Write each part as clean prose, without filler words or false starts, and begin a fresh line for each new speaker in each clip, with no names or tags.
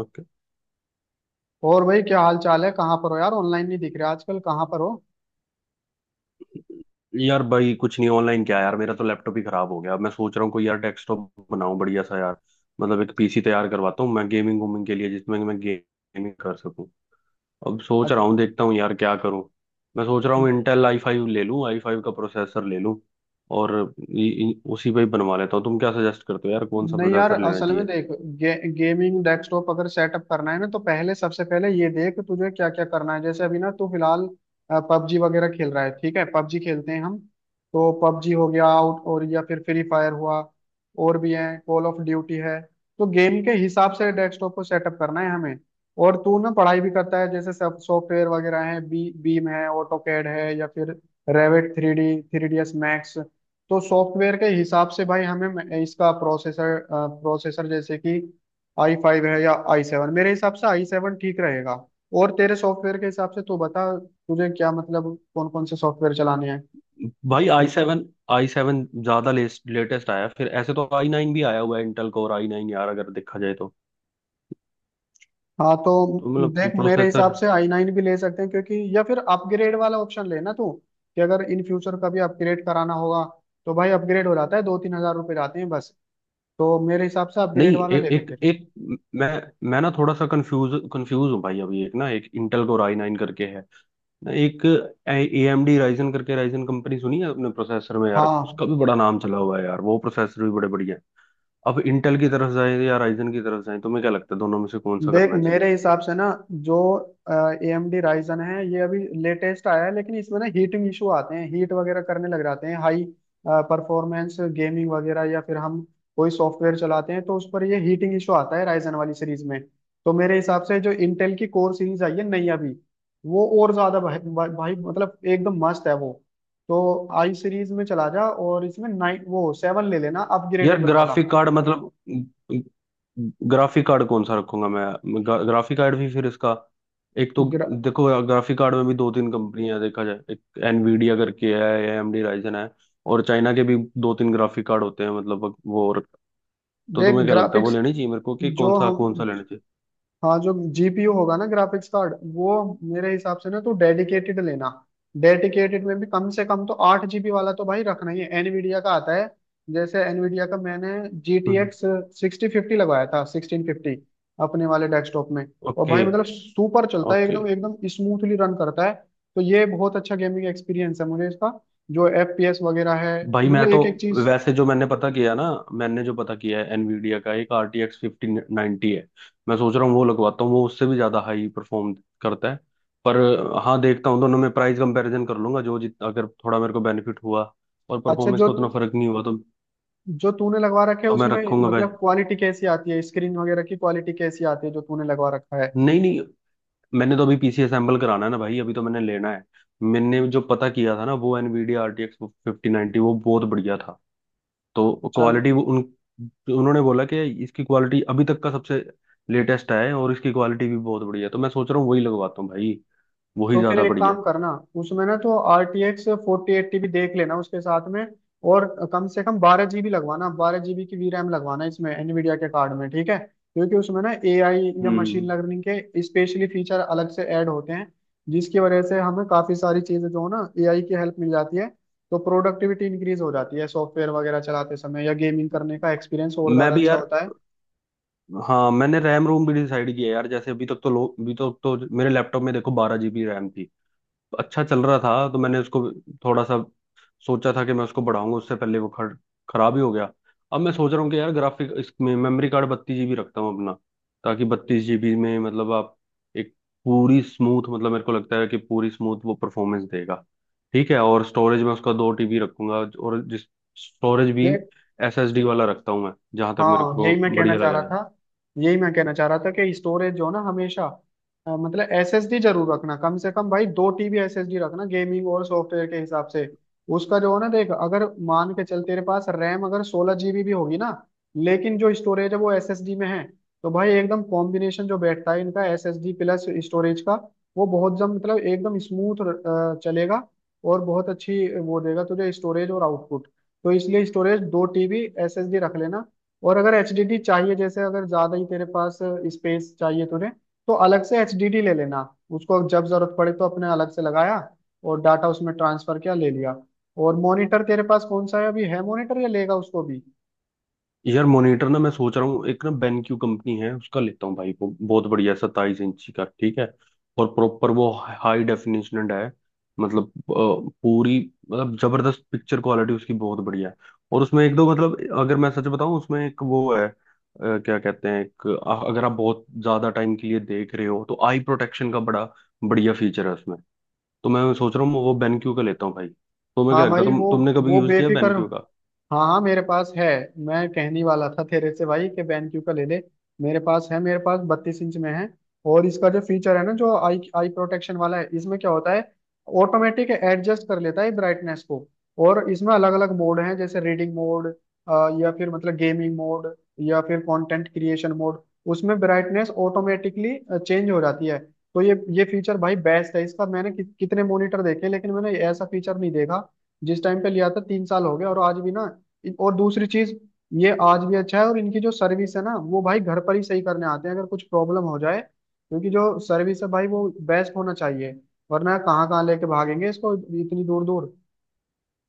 Okay.
और भाई क्या हाल चाल है? कहाँ पर हो यार? ऑनलाइन नहीं दिख रहे आजकल, कहाँ पर हो?
यार भाई कुछ नहीं ऑनलाइन क्या यार, मेरा तो लैपटॉप ही खराब हो गया। अब मैं सोच रहा हूँ कोई यार डेस्कटॉप बनाऊं बढ़िया सा यार। मतलब एक पीसी तैयार करवाता हूँ मैं गेमिंग वूमिंग के लिए, जिसमें मैं गेमिंग कर सकूँ। अब सोच
आज
रहा हूँ देखता हूँ यार क्या करूँ। मैं सोच रहा हूँ इंटेल आई फाइव ले लूँ, आई फाइव का प्रोसेसर ले लूँ। और उसी पे ही बनवा लेता हूँ। तुम क्या सजेस्ट करते हो यार, कौन सा
नहीं यार,
प्रोसेसर लेना
असल में
चाहिए?
देख, गेमिंग डेस्कटॉप अगर सेटअप करना है ना, तो पहले सबसे पहले ये देख तुझे क्या क्या करना है। जैसे अभी ना तू फिलहाल पबजी वगैरह खेल रहा है, ठीक है, पबजी खेलते हैं हम। तो पबजी हो गया आउट, और या फिर फ्री फायर हुआ, और भी है, कॉल ऑफ ड्यूटी है। तो गेम के हिसाब से डेस्कटॉप को सेटअप करना है हमें। और तू ना पढ़ाई भी करता है, जैसे सब सॉफ्टवेयर वगैरह है, बी बीम है, ऑटोकैड है, या फिर Revit three D, three D S max. तो सॉफ्टवेयर के हिसाब से भाई हमें इसका प्रोसेसर प्रोसेसर जैसे कि आई फाइव है या आई सेवन, मेरे हिसाब से आई सेवन ठीक रहेगा। और तेरे सॉफ्टवेयर के हिसाब से तू बता तुझे क्या मतलब कौन कौन से सॉफ्टवेयर चलाने हैं।
भाई आई सेवन। आई सेवन ज्यादा लेटेस्ट आया है। फिर ऐसे तो आई नाइन भी आया हुआ है, इंटेल कोर आई नाइन यार अगर देखा जाए तो।
हाँ तो
तो
देख,
मतलब
मेरे हिसाब
प्रोसेसर।
से आई नाइन भी ले सकते हैं, क्योंकि या फिर अपग्रेड वाला ऑप्शन लेना तू, कि अगर इन फ्यूचर कभी अपग्रेड कराना होगा, तो भाई अपग्रेड हो जाता है, दो तीन हजार रुपये जाते हैं बस। तो मेरे हिसाब से अपग्रेड
नहीं
वाला ले ले
एक
फिर।
एक मैं मैं ना थोड़ा सा कंफ्यूज कंफ्यूज हूँ भाई। अभी एक ना, एक इंटेल कोर आई नाइन करके है। ना एक AMD राइजन करके, राइजन कंपनी सुनी है अपने प्रोसेसर में यार।
हाँ,
उसका भी बड़ा नाम चला हुआ है यार, वो प्रोसेसर भी बड़े बढ़िया हैं। अब इंटेल की तरफ जाए या राइजन की तरफ जाए, तुम्हें क्या लगता है दोनों में से कौन सा
देख
करना चाहिए?
मेरे हिसाब से ना, जो ए एम डी राइजन है, ये अभी लेटेस्ट आया है, लेकिन इसमें ना हीटिंग इशू आते हैं, हीट वगैरह करने लग जाते हैं। हाई परफॉर्मेंस गेमिंग वगैरह या फिर हम कोई सॉफ्टवेयर चलाते हैं, तो उस पर ये हीटिंग इशू आता है राइजन वाली सीरीज में। तो मेरे हिसाब से जो इंटेल की कोर सीरीज आई है नई अभी, वो और ज्यादा भाई मतलब एकदम मस्त है वो। तो आई सीरीज में चला जा, और इसमें नाइन वो सेवन ले लेना
यार
अपग्रेडेबल वाला।
ग्राफिक कार्ड मतलब ग्राफिक कार्ड कौन सा रखूंगा मैं? ग्राफिक कार्ड भी फिर इसका। एक तो,
ग्रा,
देखो ग्राफिक कार्ड में भी दो तीन कंपनियां देखा जाए। एक एनवीडिया करके है, एएमडी राइजन है। और चाइना के भी दो तीन ग्राफिक कार्ड होते हैं मतलब वो। और तो
देख
तुम्हें क्या लगता है वो
ग्राफिक्स,
लेनी चाहिए मेरे को, कि
जो
कौन सा
हम
लेना चाहिए?
हाँ, जो जीपीयू होगा ना ग्राफिक्स कार्ड, वो मेरे हिसाब से ना तो डेडिकेटेड लेना। डेडिकेटेड में भी कम से कम तो 8 जीबी वाला तो भाई रखना ही है, एनवीडिया का आता है। जैसे एनवीडिया का मैंने जी टी
हम्म।
एक्स सिक्सटी फिफ्टी लगवाया था, सिक्सटीन फिफ्टी, अपने वाले डेस्कटॉप में। और
ओके।
भाई मतलब सुपर चलता है,
ओके।
एकदम एकदम स्मूथली रन करता है। तो ये बहुत अच्छा गेमिंग एक्सपीरियंस है मुझे इसका, जो एफ पी एस वगैरह है,
भाई मैं
मतलब
तो
एक एक चीज।
वैसे जो मैंने पता किया ना, मैंने जो पता किया है एनवीडिया का एक RTX 1590 है। मैं सोच रहा हूँ वो लगवाता हूँ, वो उससे भी ज्यादा हाई परफॉर्म करता है। पर हाँ देखता हूँ, दोनों में प्राइस कंपैरिजन कर लूंगा। जो जित अगर थोड़ा मेरे को बेनिफिट हुआ और
अच्छा,
परफॉर्मेंस
जो
का उतना फर्क नहीं हुआ तो।
जो तूने लगवा रखे है
तो मैं
उसमें,
रखूंगा भाई।
मतलब क्वालिटी कैसी आती है? स्क्रीन वगैरह की क्वालिटी कैसी आती है, जो तूने लगवा रखा है?
नहीं नहीं, मैंने तो अभी पीसी असेंबल कराना है ना भाई, अभी तो मैंने लेना है। मैंने जो पता किया था ना, वो एनवीडिया RTX 1590 वो बहुत बढ़िया था। तो
चल,
क्वालिटी उन उन्होंने बोला कि इसकी क्वालिटी अभी तक का सबसे लेटेस्ट है, और इसकी क्वालिटी भी बहुत बढ़िया है। तो मैं सोच रहा हूँ वही लगवाता हूँ भाई, वही
तो फिर
ज्यादा
एक
बढ़िया
काम
है।
करना, उसमें ना तो R T X forty eighty भी देख लेना उसके साथ में। और कम से कम 12 जीबी लगवाना, 12 जीबी की वी रैम लगवाना इसमें एनवीडिया के कार्ड में, ठीक है? क्योंकि उसमें ना ए आई या मशीन
हम्म।
लर्निंग के स्पेशली फीचर अलग से ऐड होते हैं, जिसकी वजह से हमें काफी सारी चीजें जो है ना, ए आई की हेल्प मिल जाती है। तो प्रोडक्टिविटी इंक्रीज हो जाती है सॉफ्टवेयर वगैरह चलाते समय, या गेमिंग करने का एक्सपीरियंस और
मैं
ज्यादा
भी
अच्छा
यार।
होता
हाँ, मैंने रैम रोम भी डिसाइड किया यार। जैसे अभी तक तो लोग, अभी तक तो मेरे लैपटॉप में देखो 12 जीबी रैम थी। अच्छा चल रहा था, तो मैंने उसको थोड़ा सा सोचा था कि मैं उसको बढ़ाऊंगा, उससे पहले वो खराब ही हो गया। अब मैं सोच रहा हूँ कि यार ग्राफिक इसमें मेमोरी कार्ड 32 जीबी रखता हूँ अपना, ताकि 32 जीबी में मतलब आप एक पूरी स्मूथ, मतलब मेरे को लगता है कि पूरी स्मूथ वो परफॉर्मेंस देगा। ठीक है, और स्टोरेज में उसका 2 टीबी रखूंगा। और जिस स्टोरेज भी
है।
एसएसडी वाला रखता हूँ मैं, जहां तक मेरे
हाँ,
को
यही मैं कहना
बढ़िया
चाह
लग
रहा
रहा है।
था, यही मैं कहना चाह रहा था कि स्टोरेज जो ना हमेशा मतलब एसएसडी जरूर रखना, कम से कम भाई 2 टीबी एसएसडी रखना गेमिंग और सॉफ्टवेयर के हिसाब से। उसका जो है ना, देख अगर मान के चल तेरे पास रैम अगर 16 जीबी भी होगी ना, लेकिन जो स्टोरेज है वो एसएसडी में है, तो भाई एकदम कॉम्बिनेशन जो बैठता है इनका एसएसडी प्लस स्टोरेज का, वो बहुत जम, मतलब एकदम स्मूथ चलेगा, और बहुत अच्छी वो देगा तुझे स्टोरेज और आउटपुट। तो इसलिए स्टोरेज 2 टीबी एसएसडी रख लेना। और अगर एचडीडी चाहिए, जैसे अगर ज्यादा ही तेरे पास स्पेस चाहिए तुझे, तो अलग से एचडीडी ले लेना। उसको जब जरूरत पड़े तो अपने अलग से लगाया, और डाटा उसमें ट्रांसफर किया, ले लिया। और मॉनिटर तेरे पास कौन सा है? अभी है मॉनिटर या लेगा उसको भी?
यार मॉनिटर ना, मैं सोच रहा हूँ एक ना बेनक्यू कंपनी है उसका लेता हूँ भाई। वो बहुत बढ़िया 27 इंची का ठीक है। और प्रॉपर वो हाई डेफिनेशन है। मतलब पूरी मतलब जबरदस्त पिक्चर क्वालिटी उसकी बहुत बढ़िया है। और उसमें एक दो मतलब, अगर मैं सच बताऊँ उसमें एक वो है क्या कहते हैं, एक अगर आप बहुत ज्यादा टाइम के लिए देख रहे हो तो आई प्रोटेक्शन का बड़ा बढ़िया फीचर है उसमें। तो मैं सोच रहा हूँ वो बेनक्यू का लेता हूँ भाई। तुम्हें क्या
हाँ
लगता है,
भाई, वो
तुमने कभी
वो
यूज किया
बेफिक्र।
बेनक्यू का?
हाँ हाँ, मेरे पास है, मैं कहने वाला था तेरे से भाई कि BenQ का ले ले। मेरे पास है, मेरे पास 32 इंच में है। और इसका जो फीचर है ना, जो आई आई प्रोटेक्शन वाला है, इसमें क्या होता है, ऑटोमेटिक एडजस्ट कर लेता है ब्राइटनेस को। और इसमें अलग अलग मोड हैं, जैसे रीडिंग मोड, या फिर मतलब गेमिंग मोड, या फिर कंटेंट क्रिएशन मोड। उसमें ब्राइटनेस ऑटोमेटिकली चेंज हो जाती है। तो ये फीचर भाई बेस्ट है इसका। मैंने कितने मॉनिटर देखे, लेकिन मैंने ऐसा फीचर नहीं देखा। जिस टाइम पे लिया था 3 साल हो गए, और आज भी ना, और दूसरी चीज, ये आज भी अच्छा है। और इनकी जो सर्विस है ना, वो भाई घर पर ही सही करने आते हैं अगर कुछ प्रॉब्लम हो जाए, क्योंकि जो सर्विस है भाई वो बेस्ट होना चाहिए, वरना कहाँ कहाँ लेके भागेंगे इसको, इतनी दूर दूर।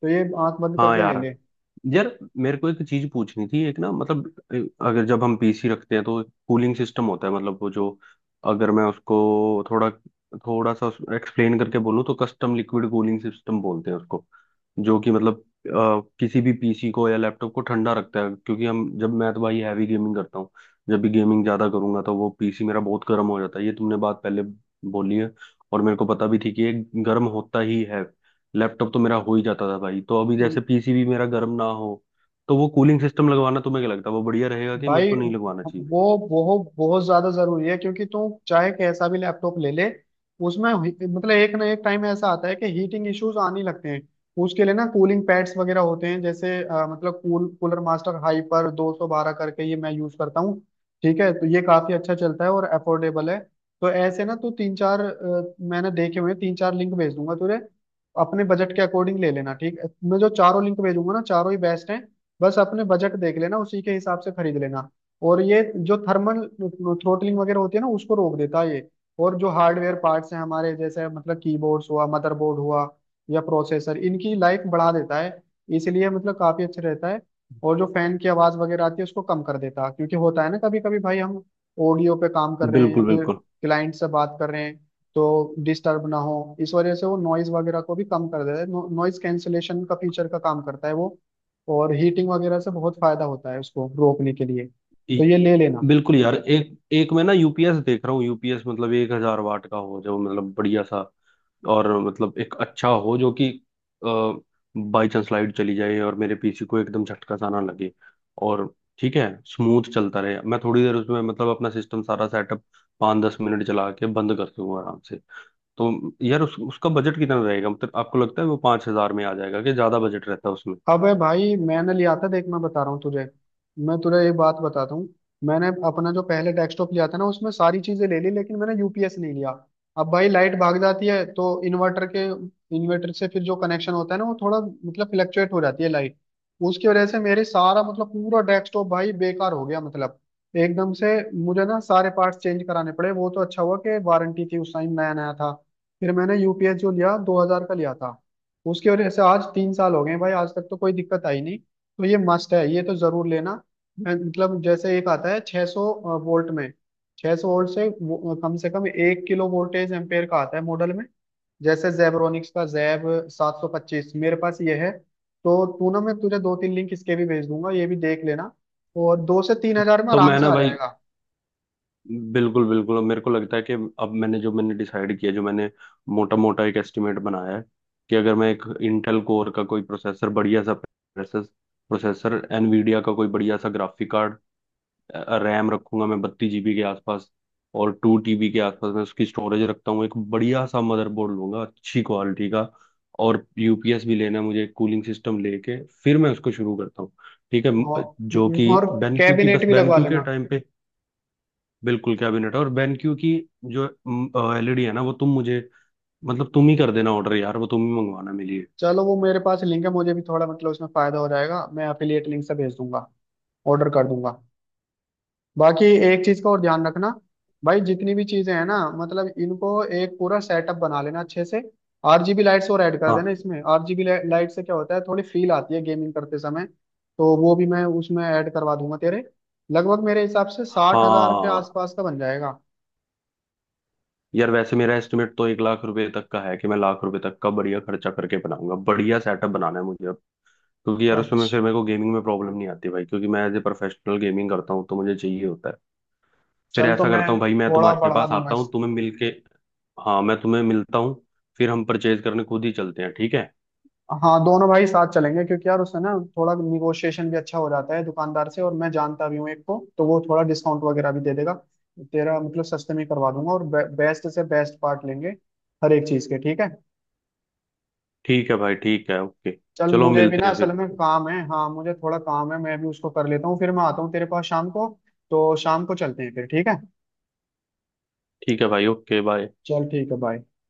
तो ये आंख बंद
हाँ
करके ले
यार। यार मेरे को एक चीज पूछनी थी। एक ना मतलब अगर जब हम पीसी रखते हैं तो कूलिंग सिस्टम होता है मतलब वो जो, अगर मैं उसको थोड़ा, थोड़ा सा एक्सप्लेन करके बोलूँ तो कस्टम लिक्विड कूलिंग सिस्टम बोलते हैं उसको। जो कि मतलब किसी भी पीसी को या लैपटॉप को ठंडा रखता है। क्योंकि हम जब, मैं तो भाई हैवी गेमिंग करता हूँ। जब भी गेमिंग ज्यादा करूंगा तो वो पीसी मेरा बहुत गर्म हो जाता है। ये तुमने बात पहले बोली है, और मेरे को पता भी थी कि ये गर्म होता ही है। लैपटॉप तो मेरा हो ही जाता था भाई, तो अभी
ले
जैसे पीसी भी मेरा गर्म ना हो। तो वो कूलिंग सिस्टम लगवाना, तुम्हें क्या लगता है वो बढ़िया रहेगा, कि मेरे
भाई।
को नहीं लगवाना चाहिए?
वो वो बहुत ज्यादा जरूरी है, क्योंकि तू चाहे कैसा भी लैपटॉप ले ले, उसमें मतलब एक ना एक टाइम ऐसा आता है कि हीटिंग इश्यूज आने लगते हैं। उसके लिए ना कूलिंग पैड्स वगैरह होते हैं, जैसे मतलब कूलर मास्टर हाइपर 212 करके, ये मैं यूज करता हूँ, ठीक है? तो ये काफी अच्छा चलता है और अफोर्डेबल है। तो ऐसे ना तू तीन चार मैंने देखे हुए हैं, तीन चार लिंक भेज दूंगा तुझे, अपने बजट के अकॉर्डिंग ले लेना, ठीक है? मैं जो चारों लिंक भेजूंगा ना, चारों ही बेस्ट हैं, बस अपने बजट देख लेना, उसी के हिसाब से खरीद लेना। और ये जो थर्मल थ्रोटलिंग वगैरह होती है ना, उसको रोक देता है ये। और जो हार्डवेयर पार्ट्स हैं हमारे, जैसे मतलब कीबोर्ड्स हुआ, मदरबोर्ड हुआ, या प्रोसेसर, इनकी लाइफ बढ़ा देता है। इसलिए मतलब काफी अच्छा रहता है। और जो फैन की आवाज वगैरह आती है, उसको कम कर देता है, क्योंकि होता है ना, कभी कभी भाई हम ऑडियो पे काम कर रहे हैं या
बिल्कुल
फिर
बिल्कुल।
क्लाइंट से बात कर रहे हैं, तो डिस्टर्ब ना हो इस वजह से, वो नॉइज वगैरह को भी कम कर देता है। नॉइज कैंसिलेशन का फीचर का काम करता है वो। और हीटिंग वगैरह से बहुत फायदा होता है, उसको रोकने के लिए, तो
ई-
ये ले लेना।
बिल्कुल यार, एक एक मैं ना यूपीएस देख रहा हूँ। यूपीएस मतलब 1,000 वाट का हो जो, मतलब बढ़िया सा। और मतलब एक अच्छा हो जो कि बाई चांस लाइट चली जाए, और मेरे पीसी को एकदम झटका सा ना लगे। और ठीक है स्मूथ चलता रहे, मैं थोड़ी देर उसमें मतलब अपना सिस्टम सारा सेटअप 5-10 मिनट चला के बंद कर दूंगा आराम से। तो यार उसका बजट कितना रहेगा, मतलब आपको लगता है वो 5,000 में आ जाएगा, कि ज्यादा बजट रहता है उसमें?
अबे भाई मैंने लिया था, देख मैं बता रहा हूँ तुझे, मैं तुझे एक बात बताता हूँ। मैंने अपना जो पहले डेस्कटॉप लिया था ना, उसमें सारी चीजें ले ली लेकिन मैंने यूपीएस नहीं लिया। अब भाई लाइट भाग जाती है, तो इन्वर्टर से फिर जो कनेक्शन होता है ना, वो थोड़ा मतलब फ्लक्चुएट हो जाती है लाइट, उसकी वजह से मेरे सारा मतलब पूरा डेस्कटॉप भाई बेकार हो गया, मतलब एकदम से। मुझे ना सारे पार्ट्स चेंज कराने पड़े, वो तो अच्छा हुआ कि वारंटी थी, उस टाइम नया नया था। फिर मैंने यूपीएस जो लिया, 2000 का लिया था, उसकी वजह से आज 3 साल हो गए भाई, आज तक तो कोई दिक्कत आई नहीं। तो ये मस्ट है, ये तो जरूर लेना। मतलब जैसे एक आता है 600 वोल्ट में, 600 वोल्ट से कम से कम एक किलो वोल्टेज एम्पेयर का आता है मॉडल में। जैसे जेबरोनिक्स का जैब 725 मेरे पास ये है। तो तू ना, मैं तुझे दो तीन लिंक इसके भी भेज दूंगा, ये भी देख लेना, और दो से तीन हजार में
तो
आराम
मैं
से
ना
आ
भाई
जाएगा।
बिल्कुल बिल्कुल, अब मेरे को लगता है कि अब मैंने जो, मैंने डिसाइड किया, जो मैंने मोटा मोटा एक एस्टिमेट बनाया है कि अगर मैं एक इंटेल कोर का कोई प्रोसेसर, बढ़िया सा प्रोसेसर प्रोसेसर, एनवीडिया का कोई बढ़िया सा ग्राफिक कार्ड, रैम रखूंगा मैं 32 जीबी के आसपास, और 2 टीबी के आसपास मैं उसकी स्टोरेज रखता हूँ। एक बढ़िया सा मदरबोर्ड लूंगा अच्छी क्वालिटी का। और यूपीएस भी लेना है मुझे, कूलिंग सिस्टम लेके फिर मैं उसको शुरू करता हूँ। ठीक है, जो
और
कि
और
बेनक्यू की,
कैबिनेट
बस
भी लगवा
बेनक्यू के
लेना।
टाइम पे। बिल्कुल कैबिनेट है। और बेनक्यू की जो एलईडी है ना, वो तुम मुझे मतलब तुम ही कर देना ऑर्डर यार, वो तुम ही मंगवाना मेरे लिए।
चलो वो मेरे पास लिंक है, मुझे भी थोड़ा मतलब उसमें फायदा हो जाएगा, मैं अफिलिएट लिंक से भेज दूंगा, ऑर्डर कर दूंगा। बाकी एक चीज का और ध्यान रखना भाई, जितनी भी चीजें हैं ना, मतलब इनको एक पूरा सेटअप बना लेना अच्छे से, आरजीबी लाइट्स और ऐड कर देना
हाँ।
इसमें। आरजीबी लाइट से क्या होता है, थोड़ी फील आती है गेमिंग करते समय। तो वो भी मैं उसमें ऐड करवा दूंगा तेरे, लगभग मेरे हिसाब से 60 हज़ार के
हाँ
आसपास का बन जाएगा।
यार वैसे मेरा एस्टिमेट तो 1 लाख रुपए तक का है, कि मैं लाख रुपए तक का बढ़िया खर्चा करके बनाऊंगा, बढ़िया सेटअप बनाना है मुझे अब। क्योंकि यार उसमें
अच्छा
फिर मेरे को गेमिंग में प्रॉब्लम नहीं आती भाई, क्योंकि मैं एज ए प्रोफेशनल गेमिंग करता हूँ तो मुझे चाहिए होता है। फिर
चल, तो
ऐसा
मैं
करता हूँ भाई, मैं
थोड़ा
तुम्हारे
बढ़ा
पास
दूंगा
आता
इस।
हूँ तुम्हें मिलके। हाँ मैं तुम्हें मिलता हूँ, फिर हम परचेज करने खुद ही चलते हैं, ठीक है।
हाँ, दोनों भाई साथ चलेंगे, क्योंकि यार उससे ना थोड़ा निगोशिएशन भी अच्छा हो जाता है दुकानदार से, और मैं जानता भी हूँ एक को, तो वो थोड़ा डिस्काउंट वगैरह भी दे देगा तेरा, मतलब सस्ते में ही करवा दूंगा, और बेस्ट से बेस्ट पार्ट लेंगे हर एक चीज के, ठीक है?
ठीक है भाई, ठीक है ओके।
चल
चलो
मुझे भी ना
मिलते हैं
असल
फिर।
में काम है, हाँ मुझे थोड़ा काम है, मैं भी उसको कर लेता हूँ, फिर मैं आता हूँ तेरे पास शाम को, तो शाम को चलते हैं फिर। ठीक है,
ठीक है भाई ओके बाय।
चल ठीक है, बाय।